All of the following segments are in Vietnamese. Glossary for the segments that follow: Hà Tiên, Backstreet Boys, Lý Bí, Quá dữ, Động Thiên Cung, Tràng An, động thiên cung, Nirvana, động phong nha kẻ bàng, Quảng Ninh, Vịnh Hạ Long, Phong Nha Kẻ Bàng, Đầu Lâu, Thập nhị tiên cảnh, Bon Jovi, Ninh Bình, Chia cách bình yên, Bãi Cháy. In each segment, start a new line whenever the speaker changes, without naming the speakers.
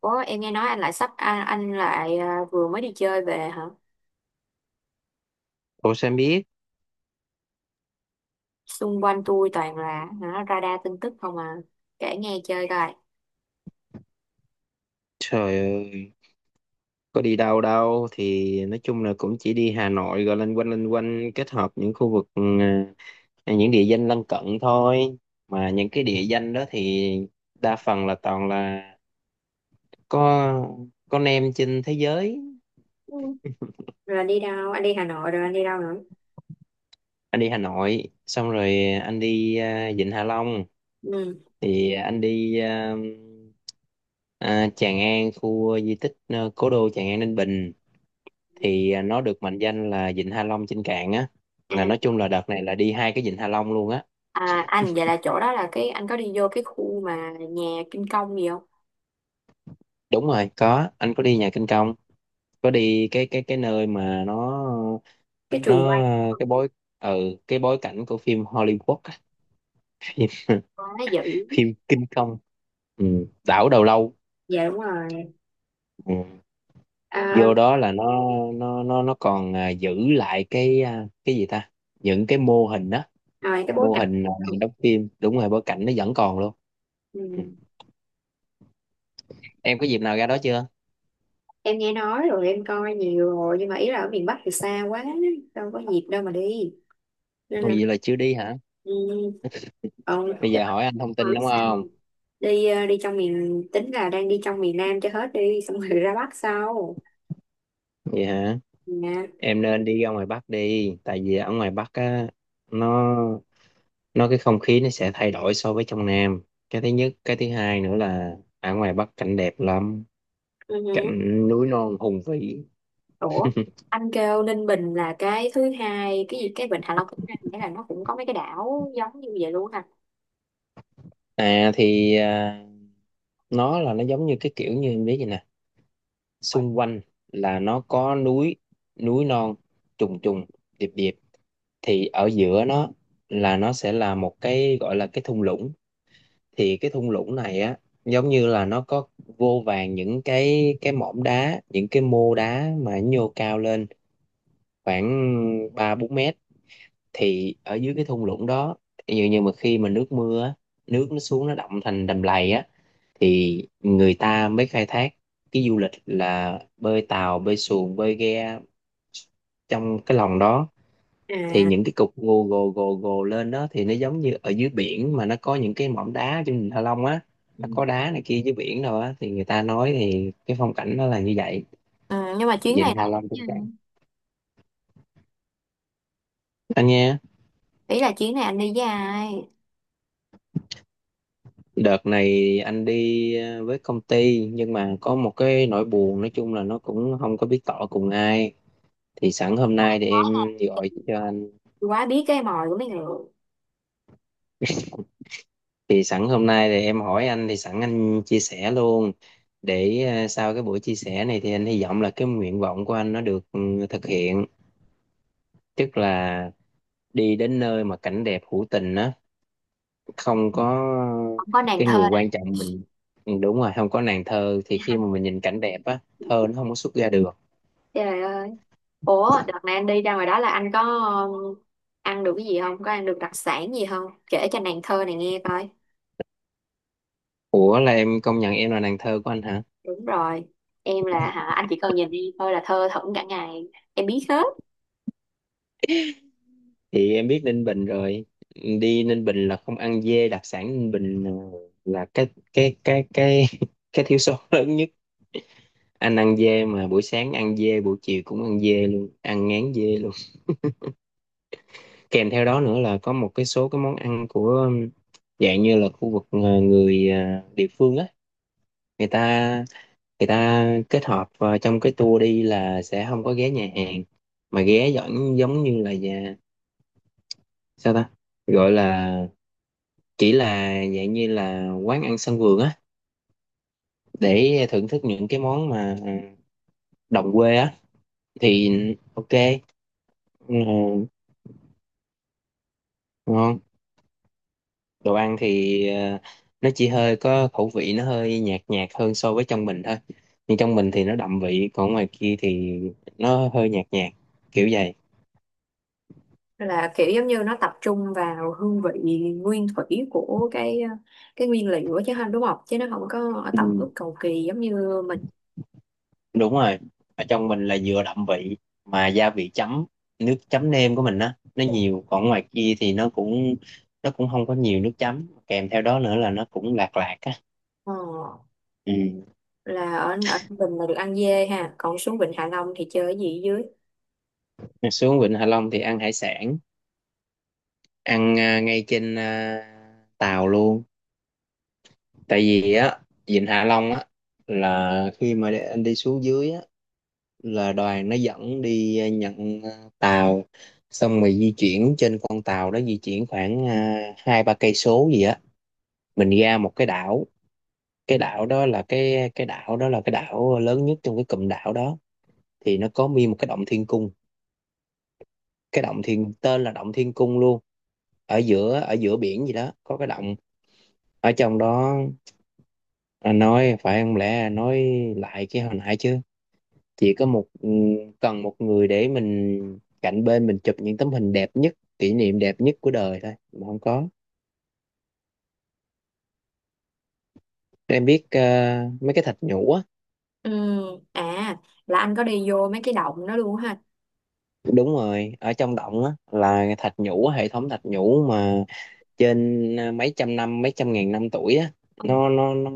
Ủa, em nghe nói anh lại sắp anh lại vừa mới đi chơi về hả?
Ủa sao em biết?
Xung quanh tôi toàn là radar tin tức không à. Kể nghe chơi coi.
Trời ơi, có đi đâu đâu, thì nói chung là cũng chỉ đi Hà Nội rồi loanh quanh kết hợp những khu vực những địa danh lân cận thôi. Mà những cái địa danh đó thì đa phần là toàn là có con em trên thế giới.
Ừ. Rồi đi đâu? Anh đi Hà Nội rồi anh đi đâu nữa?
Anh đi Hà Nội, xong rồi anh đi Vịnh Hạ Long,
Ừ.
thì anh đi Tràng An, khu di tích, cố đô Tràng An Ninh Bình, thì nó được mệnh danh là vịnh Hạ Long trên cạn á, là
À,
nói chung là đợt này là đi hai cái vịnh Hạ Long luôn á.
à anh vậy là chỗ đó là cái anh có đi vô cái khu mà nhà Kim Công gì không?
Đúng rồi, có, anh có đi nhà Kinh Công, có đi cái nơi mà nó
Cái trường
nó
quay.
cái bối cái bối cảnh của phim Hollywood á.
Quá dữ.
Phim Kinh Công, đảo Đầu Lâu
Dạ đúng rồi.
ừ.
À,
Vô đó là nó còn giữ lại cái, cái gì ta, những cái mô hình á,
rồi cái bối
mô
cảnh.
hình đóng phim, đúng rồi, bối cảnh nó vẫn còn luôn ừ.
Ừ.
Em có dịp nào ra đó chưa?
Em nghe nói rồi, em coi nhiều rồi, nhưng mà ý là ở miền Bắc thì xa quá, đâu có dịp đâu mà đi nên
Ồ,
là
vậy là chưa đi hả?
ừ. Ừ,
Bây
để
giờ
bạn
hỏi anh thông tin
hỏi
đúng
sao.
không?
Đi đi trong miền, tính là đang đi trong miền Nam cho hết đi, xong rồi ra Bắc sau
Vậy hả?
nè.
Em nên đi ra ngoài Bắc đi, tại vì ở ngoài Bắc á, nó nó cái không khí nó sẽ thay đổi so với trong Nam. Cái thứ nhất, cái thứ hai nữa là ở ngoài Bắc cảnh đẹp lắm,
Ừ, hử.
cảnh núi non hùng vĩ.
Ủa anh kêu Ninh Bình là cái thứ hai, cái gì cái Vịnh Hạ Long thứ hai, nghĩa là nó cũng có mấy cái đảo giống như vậy luôn hả?
À, thì nó là nó giống như cái kiểu như em biết vậy nè, xung quanh là nó có núi, núi non trùng trùng điệp điệp, thì ở giữa nó là nó sẽ là một cái gọi là cái thung lũng. Thì cái thung lũng này á, giống như là nó có vô vàn những cái mỏm đá, những cái mô đá mà nhô cao lên khoảng ba bốn mét. Thì ở dưới cái thung lũng đó, ví dụ như mà khi mà nước mưa á, nước nó xuống nó đọng thành đầm lầy á, thì người ta mới khai thác cái du lịch, là bơi tàu bơi xuồng bơi ghe trong cái lòng đó. Thì
À.
những cái cục gồ gồ gồ gồ lên đó, thì nó giống như ở dưới biển mà nó có những cái mỏm đá trên Vịnh Hạ Long á, nó có đá này kia dưới biển rồi á, thì người ta nói thì cái phong cảnh nó là như vậy,
Ừ, nhưng mà chuyến này
Vịnh Hạ
là,
Long trong cảnh, anh nha.
ý là chuyến này anh đi với ai?
Đợt này anh đi với công ty, nhưng mà có một cái nỗi buồn, nói chung là nó cũng không có biết tỏ cùng ai, thì sẵn hôm
Có
nay
em
thì
gái
em
nè.
gọi cho.
Quá biết cái mồi của mấy người.
Thì sẵn hôm nay thì em hỏi anh, thì sẵn anh chia sẻ luôn, để sau cái buổi chia sẻ này thì anh hy vọng là cái nguyện vọng của anh nó được thực hiện, tức là đi đến nơi mà cảnh đẹp hữu tình á, không có
Không có nàng
cái
thơ
người
nè.
quan trọng mình. Ừ, đúng rồi, không có nàng thơ thì khi mà mình nhìn cảnh đẹp á, thơ nó không có xuất ra được.
Trời ơi. Ủa, đợt này anh đi ra ngoài đó là anh có um, ăn được cái gì không? Có ăn được đặc sản gì không? Kể cho nàng thơ này nghe coi.
Ủa, là em công nhận em là nàng thơ của anh hả?
Đúng rồi. Em là hả, anh chỉ cần nhìn đi thôi là thơ thẩn cả ngày. Em biết hết.
Thì em biết Ninh Bình rồi, đi Ninh Bình là không ăn dê đặc sản Ninh Bình là cái cái thiếu sót lớn nhất. Anh ăn dê mà buổi sáng ăn dê, buổi chiều cũng ăn dê luôn, ăn ngán dê luôn. Kèm theo đó nữa là có một cái số cái món ăn của, dạng như là khu vực, người, địa phương á. Người ta người ta kết hợp vào trong cái tour đi là sẽ không có ghé nhà hàng, mà ghé giống giống như là nhà, sao ta gọi là, chỉ là dạng như là quán ăn sân vườn á, để thưởng thức những cái món mà đồng quê á. Thì ok, ừ, ngon. Đồ ăn thì, nó chỉ hơi có khẩu vị, nó hơi nhạt nhạt hơn so với trong mình thôi, nhưng trong mình thì nó đậm vị, còn ngoài kia thì nó hơi nhạt nhạt, kiểu vậy.
Là kiểu giống như nó tập trung vào hương vị nguyên thủy của cái nguyên liệu á chứ không, đúng không? Chứ nó không có tẩm
Ừ,
ướp cầu kỳ giống như mình.
đúng rồi, ở trong mình là vừa đậm vị, mà gia vị chấm, nước chấm nêm của mình á, nó nhiều, còn ngoài kia thì nó cũng, không có nhiều nước chấm, kèm theo đó nữa là nó cũng lạc lạc á
Ờ,
ừ.
là ở, ở Bình là được ăn dê ha. Còn xuống Vịnh Hạ Long thì chơi cái gì ở dưới?
Xuống Vịnh Hạ Long thì ăn hải sản, ăn ngay trên tàu luôn. Tại vì á, Vịnh Hạ Long á, là khi mà để anh đi xuống dưới á, là đoàn nó dẫn đi nhận tàu, xong rồi di chuyển trên con tàu đó, di chuyển khoảng hai ba cây số gì á, mình ra một cái đảo. Cái đảo đó là cái đảo đó là cái đảo lớn nhất trong cái cụm đảo đó, thì nó có nguyên một cái động thiên cung, cái động thiên tên là động thiên cung luôn, ở giữa biển gì đó có cái động ở trong đó. Anh nói phải không lẽ nói lại cái hồi nãy chứ, chỉ có một ừ, cần một người để mình cạnh bên mình chụp những tấm hình đẹp nhất, kỷ niệm đẹp nhất của đời thôi, mà không có. Em biết mấy cái thạch nhũ á.
Ừ, à là anh có đi vô mấy cái động đó luôn ha.
Đúng rồi, ở trong động á là thạch nhũ hệ thống thạch nhũ mà trên, mấy trăm ngàn năm tuổi á, nó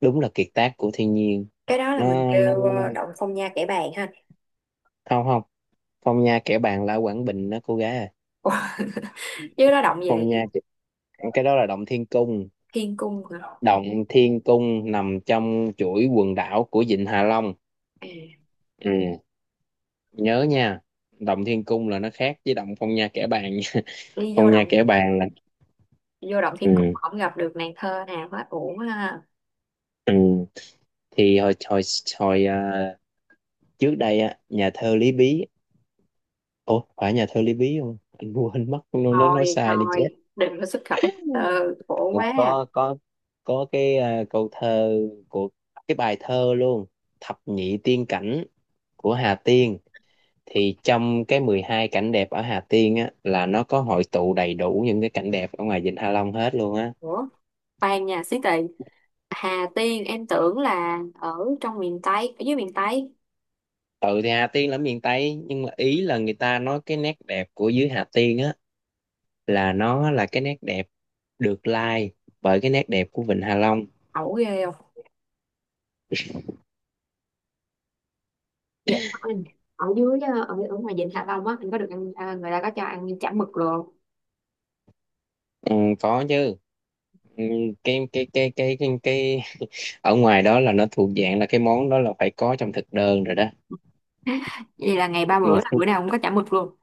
đúng là kiệt tác của thiên nhiên.
Cái đó là
nó
mình
nó
kêu
nó-
động Phong Nha Kẻ Bàng ha?
Không, không, phong nha kẻ bàn la Quảng Bình đó cô gái à,
Ủa, chứ nó động về
phong nha cái đó là động thiên cung.
thiên cung hả?
Động Thiên Cung nằm trong chuỗi quần đảo của Vịnh Hạ Long.
À,
Ừ, nhớ nha. Động Thiên Cung là nó khác với Động Phong Nha Kẻ Bàng nha.
đi vô
Phong Nha
động,
Kẻ Bàng là
vô động thiên cung
ừ,
không gặp được nàng thơ nào hết, uổng ha.
ừ. Thì hồi hồi hồi à, trước đây á, nhà thơ Lý Bí. Ủa, phải nhà thơ Lý Bí không? Anh quên mất, nó nói
Thôi
sai đi chết.
thôi đừng có xuất khẩu, ừ, khổ
Ừ,
quá à.
có cái, câu thơ, của cái bài thơ luôn, Thập nhị tiên cảnh của Hà Tiên. Thì trong cái 12 cảnh đẹp ở Hà Tiên á, là nó có hội tụ đầy đủ những cái cảnh đẹp ở ngoài Vịnh Hạ Long hết luôn á.
Ủa, khoan nha xí tị. Hà Tiên em tưởng là ở trong miền Tây, ở dưới miền Tây.
Ừ, thì Hà Tiên là ở miền Tây, nhưng mà ý là người ta nói cái nét đẹp của dưới Hà Tiên á, là nó là cái nét đẹp được lai bởi cái nét đẹp của Vịnh Hạ Long.
Ẩu ghê không. Dạ anh, ở dưới ở, ở ngoài vịnh Hạ Long á anh có được ăn người ta có cho ăn chả mực luôn?
Ừ, có chứ. Ừ, cái, cái cái cái cái cái ở ngoài đó là nó thuộc dạng là cái món đó là phải có trong thực đơn rồi đó.
Vậy là ngày ba
mà
bữa là
xuống-
bữa nào cũng có chả mực luôn?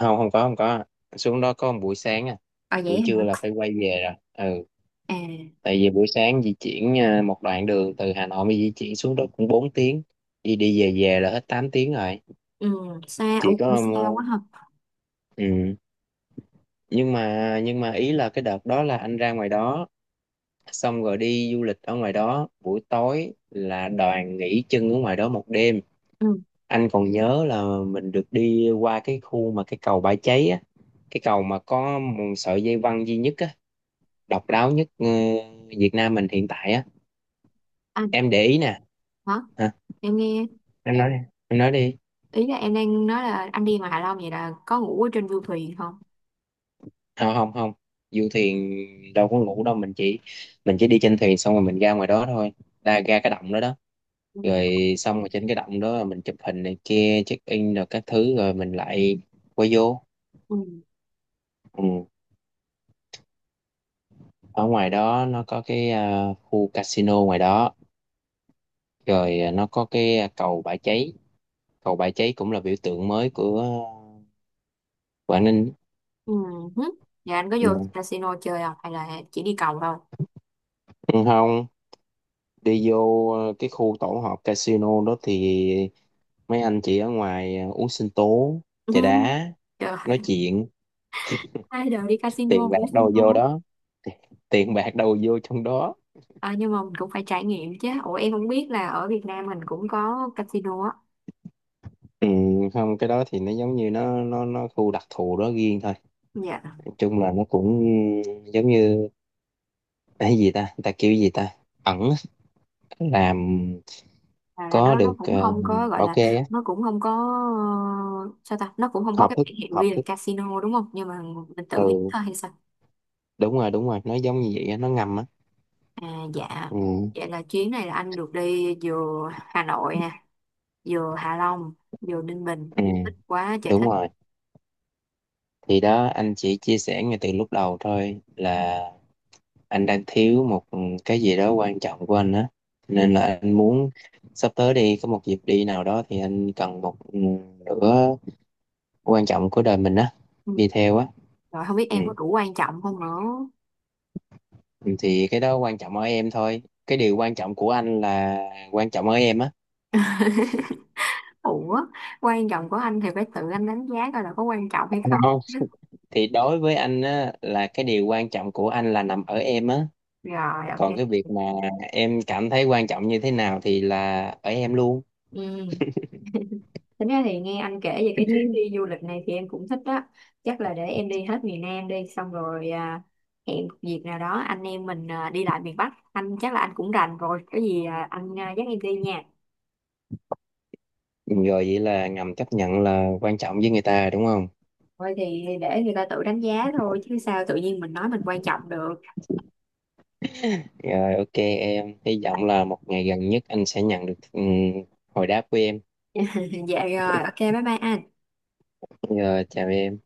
Không, không có, không có, xuống đó có một buổi sáng,
Ờ vậy
buổi trưa là
hả.
phải quay về rồi, ừ
À.
tại vì buổi sáng di chuyển, một đoạn đường từ Hà Nội mà di chuyển xuống đó cũng 4 tiếng, đi đi về về là hết 8 tiếng rồi.
Ừ, xa,
Chỉ
ủa cũng
có
xa quá ha.
ừ. Nhưng mà ý là cái đợt đó là anh ra ngoài đó, xong rồi đi du lịch ở ngoài đó, buổi tối là đoàn nghỉ chân ở ngoài đó một đêm.
Ừ,
Anh còn nhớ là mình được đi qua cái khu mà cái cầu Bãi Cháy á, cái cầu mà có một sợi dây văng duy nhất á, độc đáo nhất Việt Nam mình hiện tại á.
anh.
Em để ý nè.
Hả?
Hả?
Em nghe,
Em nói đi, em nói đi.
ý là em đang nói là anh đi ngoài Hạ Long vậy là có ngủ ở trên du thuyền không?
Không, không, không, du thuyền đâu có ngủ đâu, mình chỉ đi trên thuyền, xong rồi mình ra ngoài đó thôi, ra ra cái động đó đó,
Ừ.
rồi xong rồi trên cái động đó mình chụp hình này kia, check in rồi các thứ, rồi mình lại quay vô
Ừ.
ừ. Ở ngoài đó nó có cái, khu casino ngoài đó, rồi nó có cái, cầu bãi cháy, cầu bãi cháy cũng là biểu tượng mới của Quảng Ninh
Ừ. Hứ. Dạ anh có vô
ừ.
casino chơi không hay là chỉ đi cầu thôi?
Không, đi vô cái khu tổ hợp casino đó thì mấy anh chị ở ngoài uống sinh tố,
Ừ.
trà đá,
Trời,
nói chuyện.
ai đời đi casino
Tiền bạc
cũng xin
đâu vô
không.
đó, tiền bạc đâu vô trong đó.
À, nhưng mà mình cũng phải trải nghiệm chứ. Ủa em không biết là ở Việt Nam mình cũng có casino á.
Ừ, không, cái đó thì nó giống như, nó khu đặc thù đó riêng thôi,
Dạ.
nói chung là nó cũng giống như, cái gì ta, người ta kêu gì ta, ẩn á, làm,
À, là
có
nó
được
cũng không có gọi
bảo
là,
kê á,
nó cũng không có ờ, sao ta, nó cũng không có
hợp
cái
thức
biển hiệu
hợp
ghi là
thức.
casino đúng không, nhưng mà mình tự hít
Ừ,
thôi hay sao?
đúng rồi, đúng rồi, nó giống như vậy á, nó ngầm á.
À dạ.
Ừ,
Vậy là chuyến này là anh được đi vừa Hà Nội nè, vừa Hạ Long, vừa Ninh Bình.
ừ,
Thích quá trời
đúng
thích.
rồi. Thì đó, anh chỉ chia sẻ ngay từ lúc đầu thôi, là anh đang thiếu một cái gì đó quan trọng của anh á,
Ừ.
nên là anh muốn sắp tới đi có một dịp đi nào đó thì anh cần một, nửa quan trọng của đời mình á,
Ừ.
đi theo á
Rồi không biết
ừ.
em có đủ quan trọng không nữa.
Ừ, thì cái đó quan trọng ở em thôi, cái điều quan trọng của anh là quan trọng ở em á.
Ủa, quan trọng của anh thì phải tự anh đánh giá coi là có quan trọng hay không
Không.
chứ.
Thì đối với anh á là cái điều quan trọng của anh là nằm ở em á,
Rồi, ok.
còn cái việc mà em cảm thấy quan trọng như thế nào thì là ở em luôn.
Ừ. Tính ra thì nghe anh kể về cái chuyến đi du lịch này thì em cũng thích đó. Chắc là để em đi hết miền Nam đi, xong rồi hẹn một dịp nào đó anh em mình đi lại miền Bắc. Anh chắc là anh cũng rành rồi, có gì anh dắt em đi nha.
Ừ, rồi vậy là ngầm chấp nhận là quan trọng với người ta đúng không?
Thôi thì để người ta tự đánh giá thôi, chứ sao tự nhiên mình nói mình quan trọng được.
Rồi, ok em. Hy vọng là một ngày gần nhất anh sẽ nhận được hồi đáp của em.
Dạ rồi, ok bye bye anh.
Rồi, chào em.